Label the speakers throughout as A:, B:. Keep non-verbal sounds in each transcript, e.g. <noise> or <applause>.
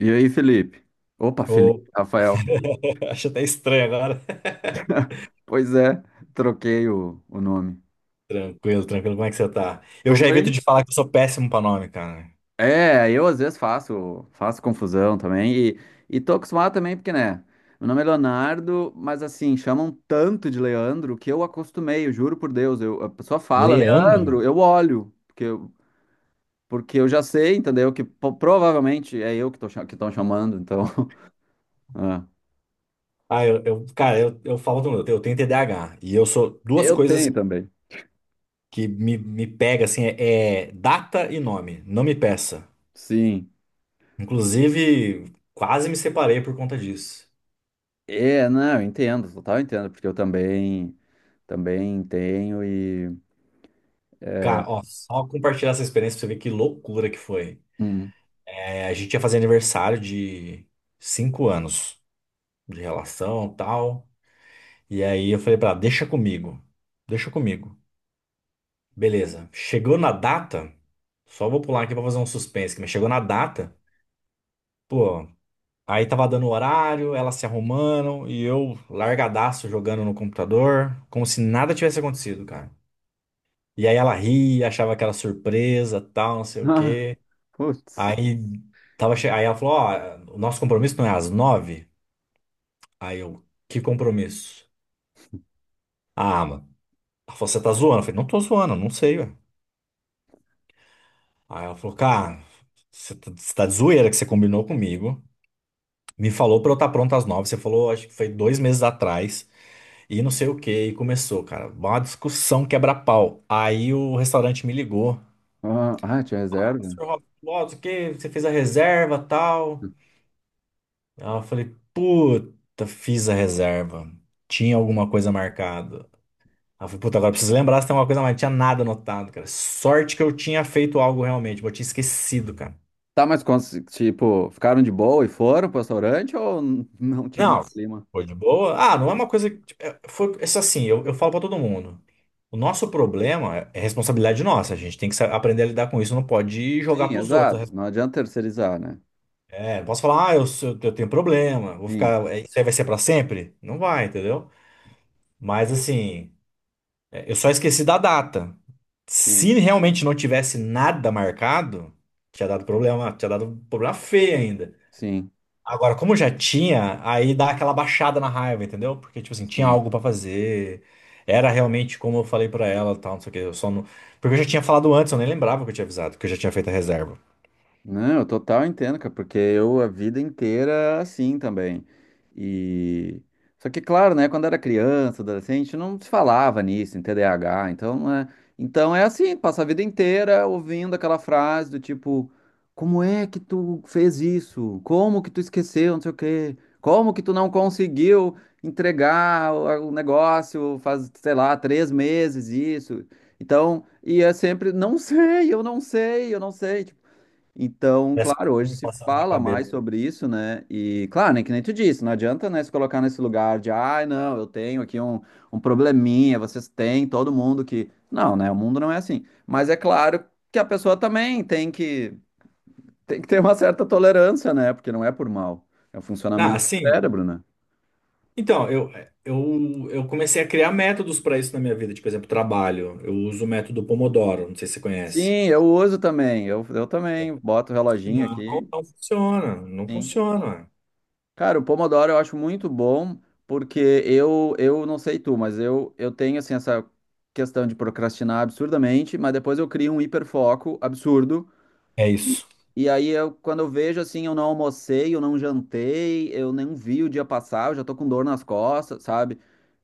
A: E aí, Felipe? Opa, Felipe,
B: Ô,
A: Rafael.
B: <laughs> Acho até estranho agora.
A: Pois é, troquei o nome.
B: <laughs> Tranquilo, tranquilo. Como é que você tá? Eu
A: Tô
B: já evito
A: bem.
B: de falar que eu sou péssimo pra nome, cara.
A: Eu às vezes faço confusão também e tô acostumado também porque, né, meu nome é Leonardo, mas assim, chamam tanto de Leandro que eu acostumei, eu juro por Deus, a pessoa fala,
B: Leandro?
A: Leandro, eu olho, porque eu já sei, entendeu, que provavelmente é eu que que estão chamando, então, <laughs> é.
B: Ah, cara, eu falo do meu, eu tenho TDAH. E eu sou duas
A: Eu
B: coisas
A: tenho também.
B: que me pega assim, é data e nome. Não me peça.
A: Sim.
B: Inclusive, quase me separei por conta disso.
A: É, não, eu entendo, total entendo, porque eu também. Também tenho e.
B: Cara, ó, só compartilhar essa experiência pra você ver que loucura que foi.
A: Hum. <laughs>
B: É, a gente ia fazer aniversário de 5 anos de relação, tal. E aí eu falei pra ela, deixa comigo, deixa comigo. Beleza. Chegou na data, só vou pular aqui pra fazer um suspense, mas chegou na data, pô, aí tava dando o horário, elas se arrumando e eu largadaço jogando no computador, como se nada tivesse acontecido, cara. E aí ela ria, achava aquela surpresa, tal, não sei o
A: Ah,
B: quê.
A: putz.
B: Aí aí ela falou, ó, o nosso compromisso não é às 9h? Aí eu, que compromisso? Ah, mano. Ela falou, você tá zoando? Eu falei, não tô zoando, não sei, ué. Aí ela falou, cara, você tá de zoeira que você combinou comigo. Me falou pra eu estar pronto às 9h. Você falou, acho que foi 2 meses atrás. E não sei o que. E começou, cara. Uma discussão quebra-pau. Aí o restaurante me ligou.
A: Ah, tinha
B: Ah,
A: reserva?
B: senhor Roberto, ó, o que? Você fez a reserva tal? Aí eu falei, puta, fiz a reserva. Tinha alguma coisa marcada. Aí eu falei, puta, agora preciso lembrar se tem alguma coisa, mas não tinha nada anotado, cara. Sorte que eu tinha feito algo realmente, mas eu tinha esquecido, cara.
A: Tá, mas tipo, ficaram de boa e foram pro restaurante ou <laughs> não tinha mais
B: Não,
A: clima?
B: foi de boa. Ah, não é uma coisa que, tipo, é, foi isso assim, eu falo pra todo mundo. O nosso problema é responsabilidade nossa. A gente tem que aprender a lidar com isso. Não pode jogar
A: Sim,
B: pros outros.
A: exato. Não adianta terceirizar, né?
B: É, não posso falar, ah, eu, eu tenho problema, vou
A: Sim,
B: ficar. Isso aí vai ser pra sempre? Não vai, entendeu? Mas assim, eu só esqueci da data.
A: sim,
B: Se realmente não tivesse nada marcado, tinha dado problema feio ainda.
A: sim,
B: Agora, como já tinha, aí dá aquela baixada na raiva, entendeu? Porque, tipo assim, tinha
A: sim.
B: algo pra fazer. Era realmente como eu falei pra ela, tal, não sei o quê. Eu só não... Porque eu já tinha falado antes, eu nem lembrava que eu tinha avisado, que eu já tinha feito a reserva.
A: Não, eu total entendo, cara, porque eu a vida inteira assim também. E só que claro, né, quando era criança, adolescente, não se falava nisso, em TDAH, então não é, então é assim, passa a vida inteira ouvindo aquela frase do tipo, como é que tu fez isso? Como que tu esqueceu, não sei o quê? Como que tu não conseguiu entregar o negócio faz, sei lá, três meses isso? Então, e é sempre, não sei, eu não sei. Tipo, então,
B: Parece que
A: claro,
B: foi
A: hoje
B: me
A: se
B: passando na
A: fala mais
B: cabeça.
A: sobre isso, né? E, claro, né, que nem tu disse, não adianta, né, se colocar nesse lugar de, ai, não, eu tenho aqui um, um probleminha, vocês têm, todo mundo que. Não, né? O mundo não é assim. Mas é claro que a pessoa também tem que ter uma certa tolerância, né? Porque não é por mal. É o funcionamento
B: Ah,
A: do
B: sim.
A: cérebro, né?
B: Então, eu comecei a criar métodos pra isso na minha vida. Tipo, por exemplo, trabalho. Eu uso o método Pomodoro, não sei se você conhece.
A: Sim, eu uso também. Eu também boto o reloginho
B: Não, não
A: aqui.
B: funciona. Não
A: Sim.
B: funciona.
A: Cara, o Pomodoro eu acho muito bom, porque eu não sei tu, mas eu tenho assim essa questão de procrastinar absurdamente, mas depois eu crio um hiperfoco absurdo
B: É isso.
A: e aí, quando eu vejo assim, eu não almocei, eu não jantei, eu nem vi o dia passar, eu já tô com dor nas costas, sabe?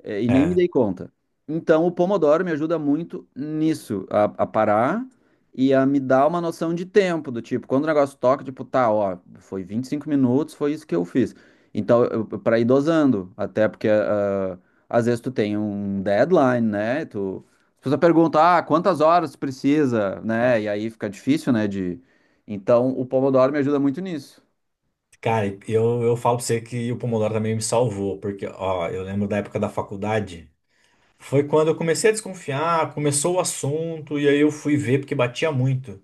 A: É, e nem me
B: é
A: dei conta. Então, o Pomodoro me ajuda muito nisso, a parar e a me dar uma noção de tempo, do tipo, quando o negócio toca, tipo, tá, ó, foi 25 minutos, foi isso que eu fiz. Então, pra ir dosando, até porque às vezes tu tem um deadline, né? Tu, as pessoas perguntam, ah, quantas horas tu precisa, né? E aí fica difícil, né, então, o Pomodoro me ajuda muito nisso.
B: Cara, eu falo pra você que o Pomodoro também me salvou, porque, ó, eu lembro da época da faculdade. Foi quando eu comecei a desconfiar, começou o assunto, e aí eu fui ver porque batia muito.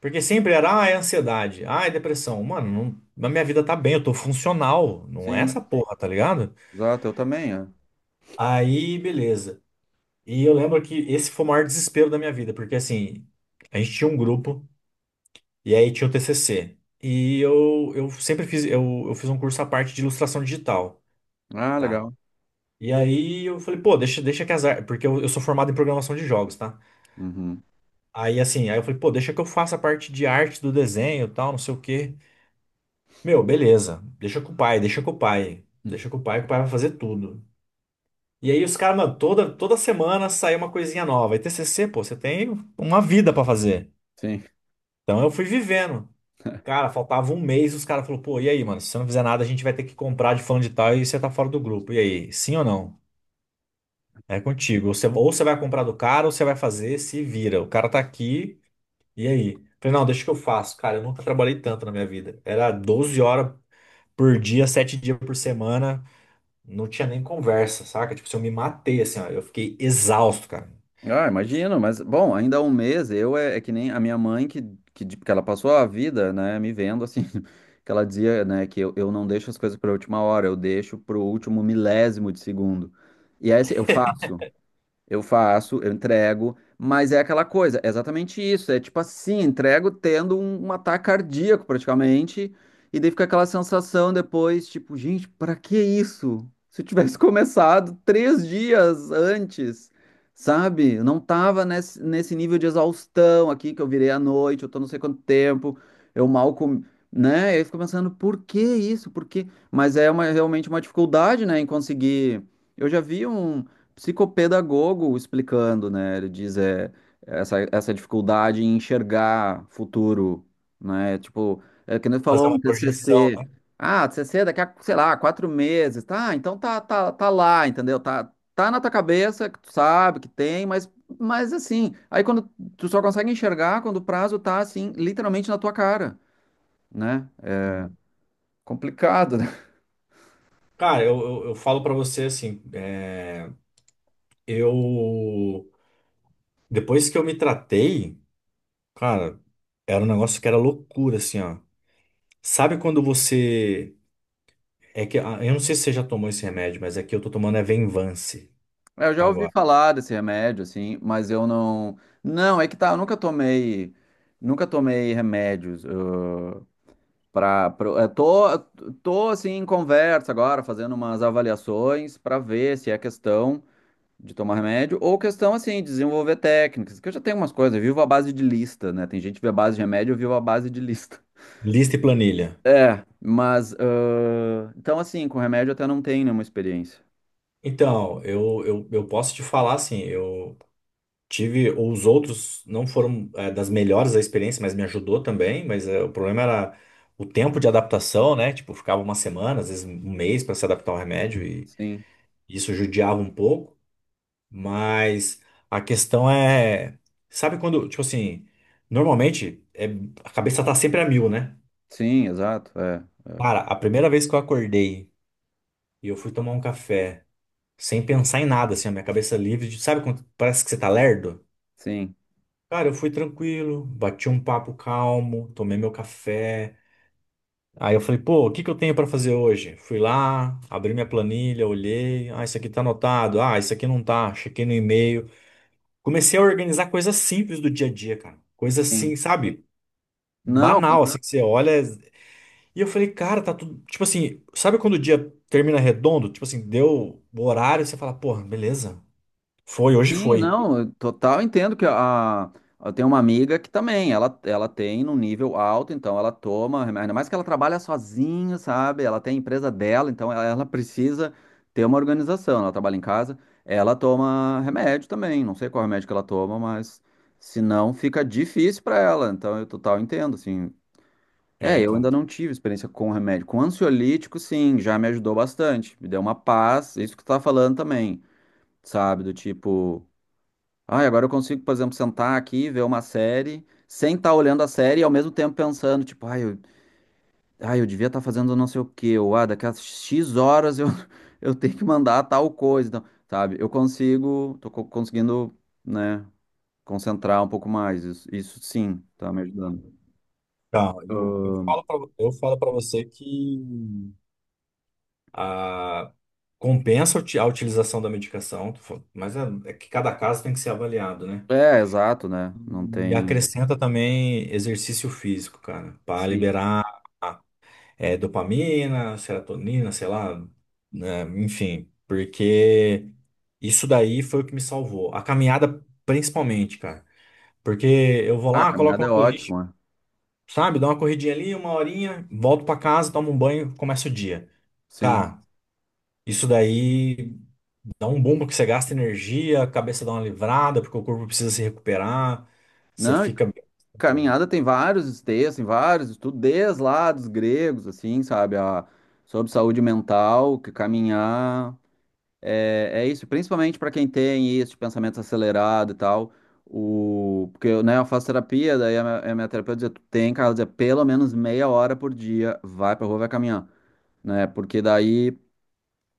B: Porque sempre era, ah, é ansiedade, ah, é depressão. Mano, não, na minha vida tá bem, eu tô funcional, não é
A: Sim,
B: essa porra, tá ligado?
A: exato, eu também. É.
B: Aí, beleza. E eu lembro que esse foi o maior desespero da minha vida, porque assim, a gente tinha um grupo, e aí tinha o TCC. E eu sempre fiz, eu fiz um curso à parte de ilustração digital.
A: Ah,
B: Tá?
A: legal.
B: E aí eu falei, pô, deixa, deixa que as artes. Porque eu sou formado em programação de jogos, tá?
A: Uhum.
B: Aí assim, aí eu falei, pô, deixa que eu faça a parte de arte do desenho e tal, não sei o quê. Meu, beleza. Deixa com o pai, deixa com o pai. Deixa com o pai, que o pai vai fazer tudo. E aí os caras, mano, toda semana sai uma coisinha nova. E TCC, pô, você tem uma vida pra fazer.
A: Sim.
B: Então eu fui vivendo. Cara, faltava um mês, os caras falaram, pô, e aí, mano, se você não fizer nada, a gente vai ter que comprar de fulano de tal e você tá fora do grupo. E aí, sim ou não? É contigo. Ou você vai comprar do cara, ou você vai fazer, se vira. O cara tá aqui, e aí? Falei, não, deixa que eu faço. Cara, eu nunca trabalhei tanto na minha vida. Era 12 horas por dia, 7 dias por semana. Não tinha nem conversa, saca? Tipo, se eu me matei, assim, ó. Eu fiquei exausto, cara.
A: Ah, imagino, mas bom, ainda há um mês, é que nem a minha mãe que ela passou a vida, né, me vendo assim, <laughs> que ela dizia, né, que eu não deixo as coisas para última hora, eu deixo para o último milésimo de segundo. E aí assim, eu faço, eu entrego, mas é aquela coisa, é exatamente isso. É tipo assim, entrego tendo um, um ataque cardíaco praticamente, e daí fica aquela sensação depois, tipo, gente, pra que isso? Se eu tivesse <laughs> começado três dias antes, sabe? Eu não tava nesse nível de exaustão aqui que eu virei à noite, eu tô não sei quanto tempo, eu mal comi, né? Eu fico pensando, por que isso? Por que? Mas é uma, realmente uma dificuldade, né, em conseguir. Eu já vi um psicopedagogo explicando, né? Ele diz é, essa dificuldade em enxergar futuro, né? Tipo, é que nem tu
B: Fazer
A: falou
B: uma
A: um
B: projeção,
A: TCC.
B: né?
A: Ah, TCC daqui a, sei lá, quatro meses. Tá, então tá, tá lá, entendeu? Tá, tá na tua cabeça, que tu sabe que tem, mas assim, aí quando tu só consegue enxergar quando o prazo tá assim, literalmente na tua cara, né? É
B: Hum.
A: complicado, né?
B: Cara, eu falo pra você, assim, é, eu... Depois que eu me tratei, cara, era um negócio que era loucura, assim, ó. Sabe quando você. É que, ah, eu não sei se você já tomou esse remédio, mas aqui eu tô tomando é Venvance
A: É, eu já ouvi
B: agora.
A: falar desse remédio, assim, mas eu não. Não, é que tá, eu nunca tomei. Nunca tomei remédios. Eu, eu tô, tô, assim, em conversa agora, fazendo umas avaliações para ver se é questão de tomar remédio ou questão, assim, de desenvolver técnicas, que eu já tenho umas coisas. Eu vivo à base de lista, né? Tem gente que vive à base de remédio, eu vivo à base de lista. <laughs>
B: Lista e planilha.
A: É, mas. Então, assim, com remédio eu até não tenho nenhuma experiência.
B: Então, eu posso te falar assim, eu tive os outros não foram das melhores da experiência, mas me ajudou também, mas o problema era o tempo de adaptação, né? Tipo, ficava uma semana, às vezes um mês para se adaptar ao remédio e
A: Sim,
B: isso judiava um pouco, mas a questão é, sabe quando, tipo assim, normalmente a cabeça tá sempre a mil, né?
A: sim, exato, é,
B: Cara, a primeira vez que eu acordei e eu fui tomar um café sem pensar em nada, assim, a minha cabeça livre, sabe quando parece que você tá lerdo?
A: sim.
B: Cara, eu fui tranquilo, bati um papo calmo, tomei meu café. Aí eu falei, pô, o que que eu tenho pra fazer hoje? Fui lá, abri minha planilha, olhei, ah, isso aqui tá anotado, ah, isso aqui não tá, chequei no e-mail. Comecei a organizar coisas simples do dia a dia, cara. Coisas assim,
A: Sim.
B: sabe?
A: Não,
B: Banal, assim, que você olha. E eu falei, cara, tá tudo. Tipo assim, sabe quando o dia termina redondo? Tipo assim, deu o horário, você fala, porra, beleza. Foi, hoje
A: sim,
B: foi.
A: não, eu total entendo que a, eu tenho uma amiga que também, ela tem num nível alto, então ela toma, remédio, ainda mais que ela trabalha sozinha, sabe? Ela tem a empresa dela, então ela precisa ter uma organização, ela trabalha em casa, ela toma remédio também, não sei qual remédio que ela toma, mas se não fica difícil para ela, então eu total entendo, assim. É,
B: Né,
A: eu
B: então.
A: ainda não tive experiência com remédio, com ansiolítico, sim, já me ajudou bastante, me deu uma paz, isso que tu tá falando também, sabe? Do tipo ah, agora eu consigo, por exemplo, sentar aqui, ver uma série, sem estar olhando a série e ao mesmo tempo pensando, tipo, ai, eu devia estar fazendo não sei o quê, ou ah, daqui a X horas eu, <laughs> eu tenho que mandar tal coisa, então, sabe? Eu consigo, conseguindo, né, concentrar um pouco mais, isso sim, tá me ajudando.
B: Tá, eu
A: Ahn,
B: falo pra, eu falo para você que a, compensa a utilização da medicação, mas é que cada caso tem que ser avaliado, né?
A: é, exato, né? Não
B: E
A: tem.
B: acrescenta também exercício físico, cara, para
A: Sim.
B: liberar. Dopamina, serotonina, sei lá, né, enfim, porque isso daí foi o que me salvou. A caminhada, principalmente, cara. Porque eu vou
A: Ah,
B: lá, coloco
A: caminhada é
B: uma playlist,
A: ótimo, é.
B: sabe? Dá uma corridinha ali, uma horinha, volto pra casa, tomo um banho, começa o dia.
A: Sim.
B: Cara, isso daí dá um bom porque você gasta energia, a cabeça dá uma livrada, porque o corpo precisa se recuperar, você
A: Não, e
B: fica.
A: caminhada tem vários textos, tem vários estudos, desde lá dos gregos, assim, sabe? A, sobre saúde mental, que caminhar é, é isso, principalmente para quem tem isso, de pensamento acelerado e tal. O, porque eu, né, eu faço terapia, daí a a minha terapeuta dizia, tu tem, cara, ela dizia, pelo menos meia hora por dia, vai pra rua, vai caminhar, né? Porque daí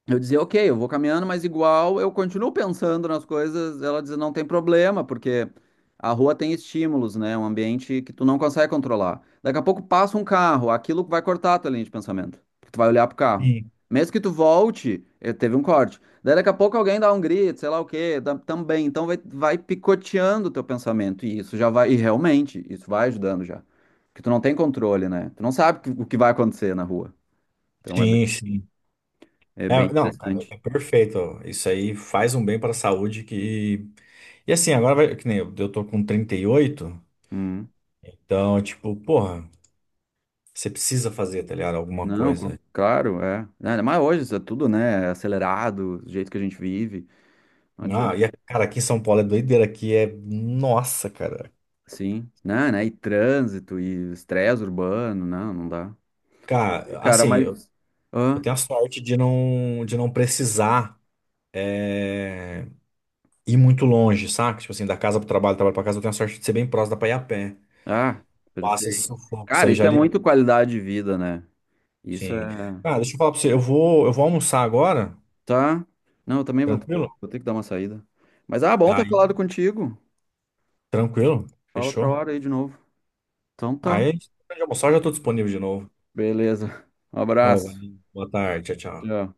A: eu dizia, ok, eu vou caminhando, mas igual eu continuo pensando nas coisas. Ela dizia, não tem problema, porque a rua tem estímulos, né? É um ambiente que tu não consegue controlar. Daqui a pouco passa um carro, aquilo vai cortar a tua linha de pensamento. Porque tu vai olhar pro carro.
B: Sim,
A: Mesmo que tu volte, teve um corte. Daí daqui a pouco alguém dá um grito, sei lá o quê, também. Então vai picoteando o teu pensamento. E isso já vai, e realmente, isso vai ajudando já. Porque tu não tem controle, né? Tu não sabe o que vai acontecer na rua. Então é,
B: sim, sim.
A: é bem
B: É, não, cara,
A: interessante.
B: é perfeito. Isso aí faz um bem para a saúde que. E assim, agora vai, que nem eu tô com 38,
A: Hum.
B: então, tipo, porra, você precisa fazer, tá ligado? Alguma
A: Não,
B: coisa.
A: claro, é. Não, ainda mais hoje, isso é tudo, né? Acelerado, do jeito que a gente vive. Não
B: Ah, e,
A: adianta.
B: cara, aqui em São Paulo é doideira, aqui é. Nossa, cara.
A: Sim, né, né? E trânsito, e estresse urbano, não, não dá.
B: Cara,
A: Cara,
B: assim, eu,
A: mas.
B: eu
A: Hã?
B: tenho a sorte de não, precisar é, ir muito longe, saca? Tipo assim, da casa pro trabalho, do trabalho pra casa, eu tenho a sorte de ser bem próximo, da pra ir a pé.
A: Ah,
B: Passa esse
A: perfeito.
B: sufoco, isso
A: Cara,
B: aí
A: isso
B: já.
A: é muito qualidade de vida, né? Isso
B: Sim.
A: é.
B: Cara, deixa eu falar pra você. Eu vou almoçar agora.
A: Tá? Não, eu também vou,
B: Tranquilo?
A: vou ter que dar uma saída. Mas, ah, bom ter falado
B: Aí,
A: contigo.
B: tranquilo?
A: Fala outra
B: Fechou?
A: hora aí de novo. Então tá.
B: Aí, depois de almoçar, eu já tô disponível de novo.
A: Beleza. Um
B: Ó,
A: abraço.
B: valeu. Boa tarde. Tchau, tchau.
A: Tchau.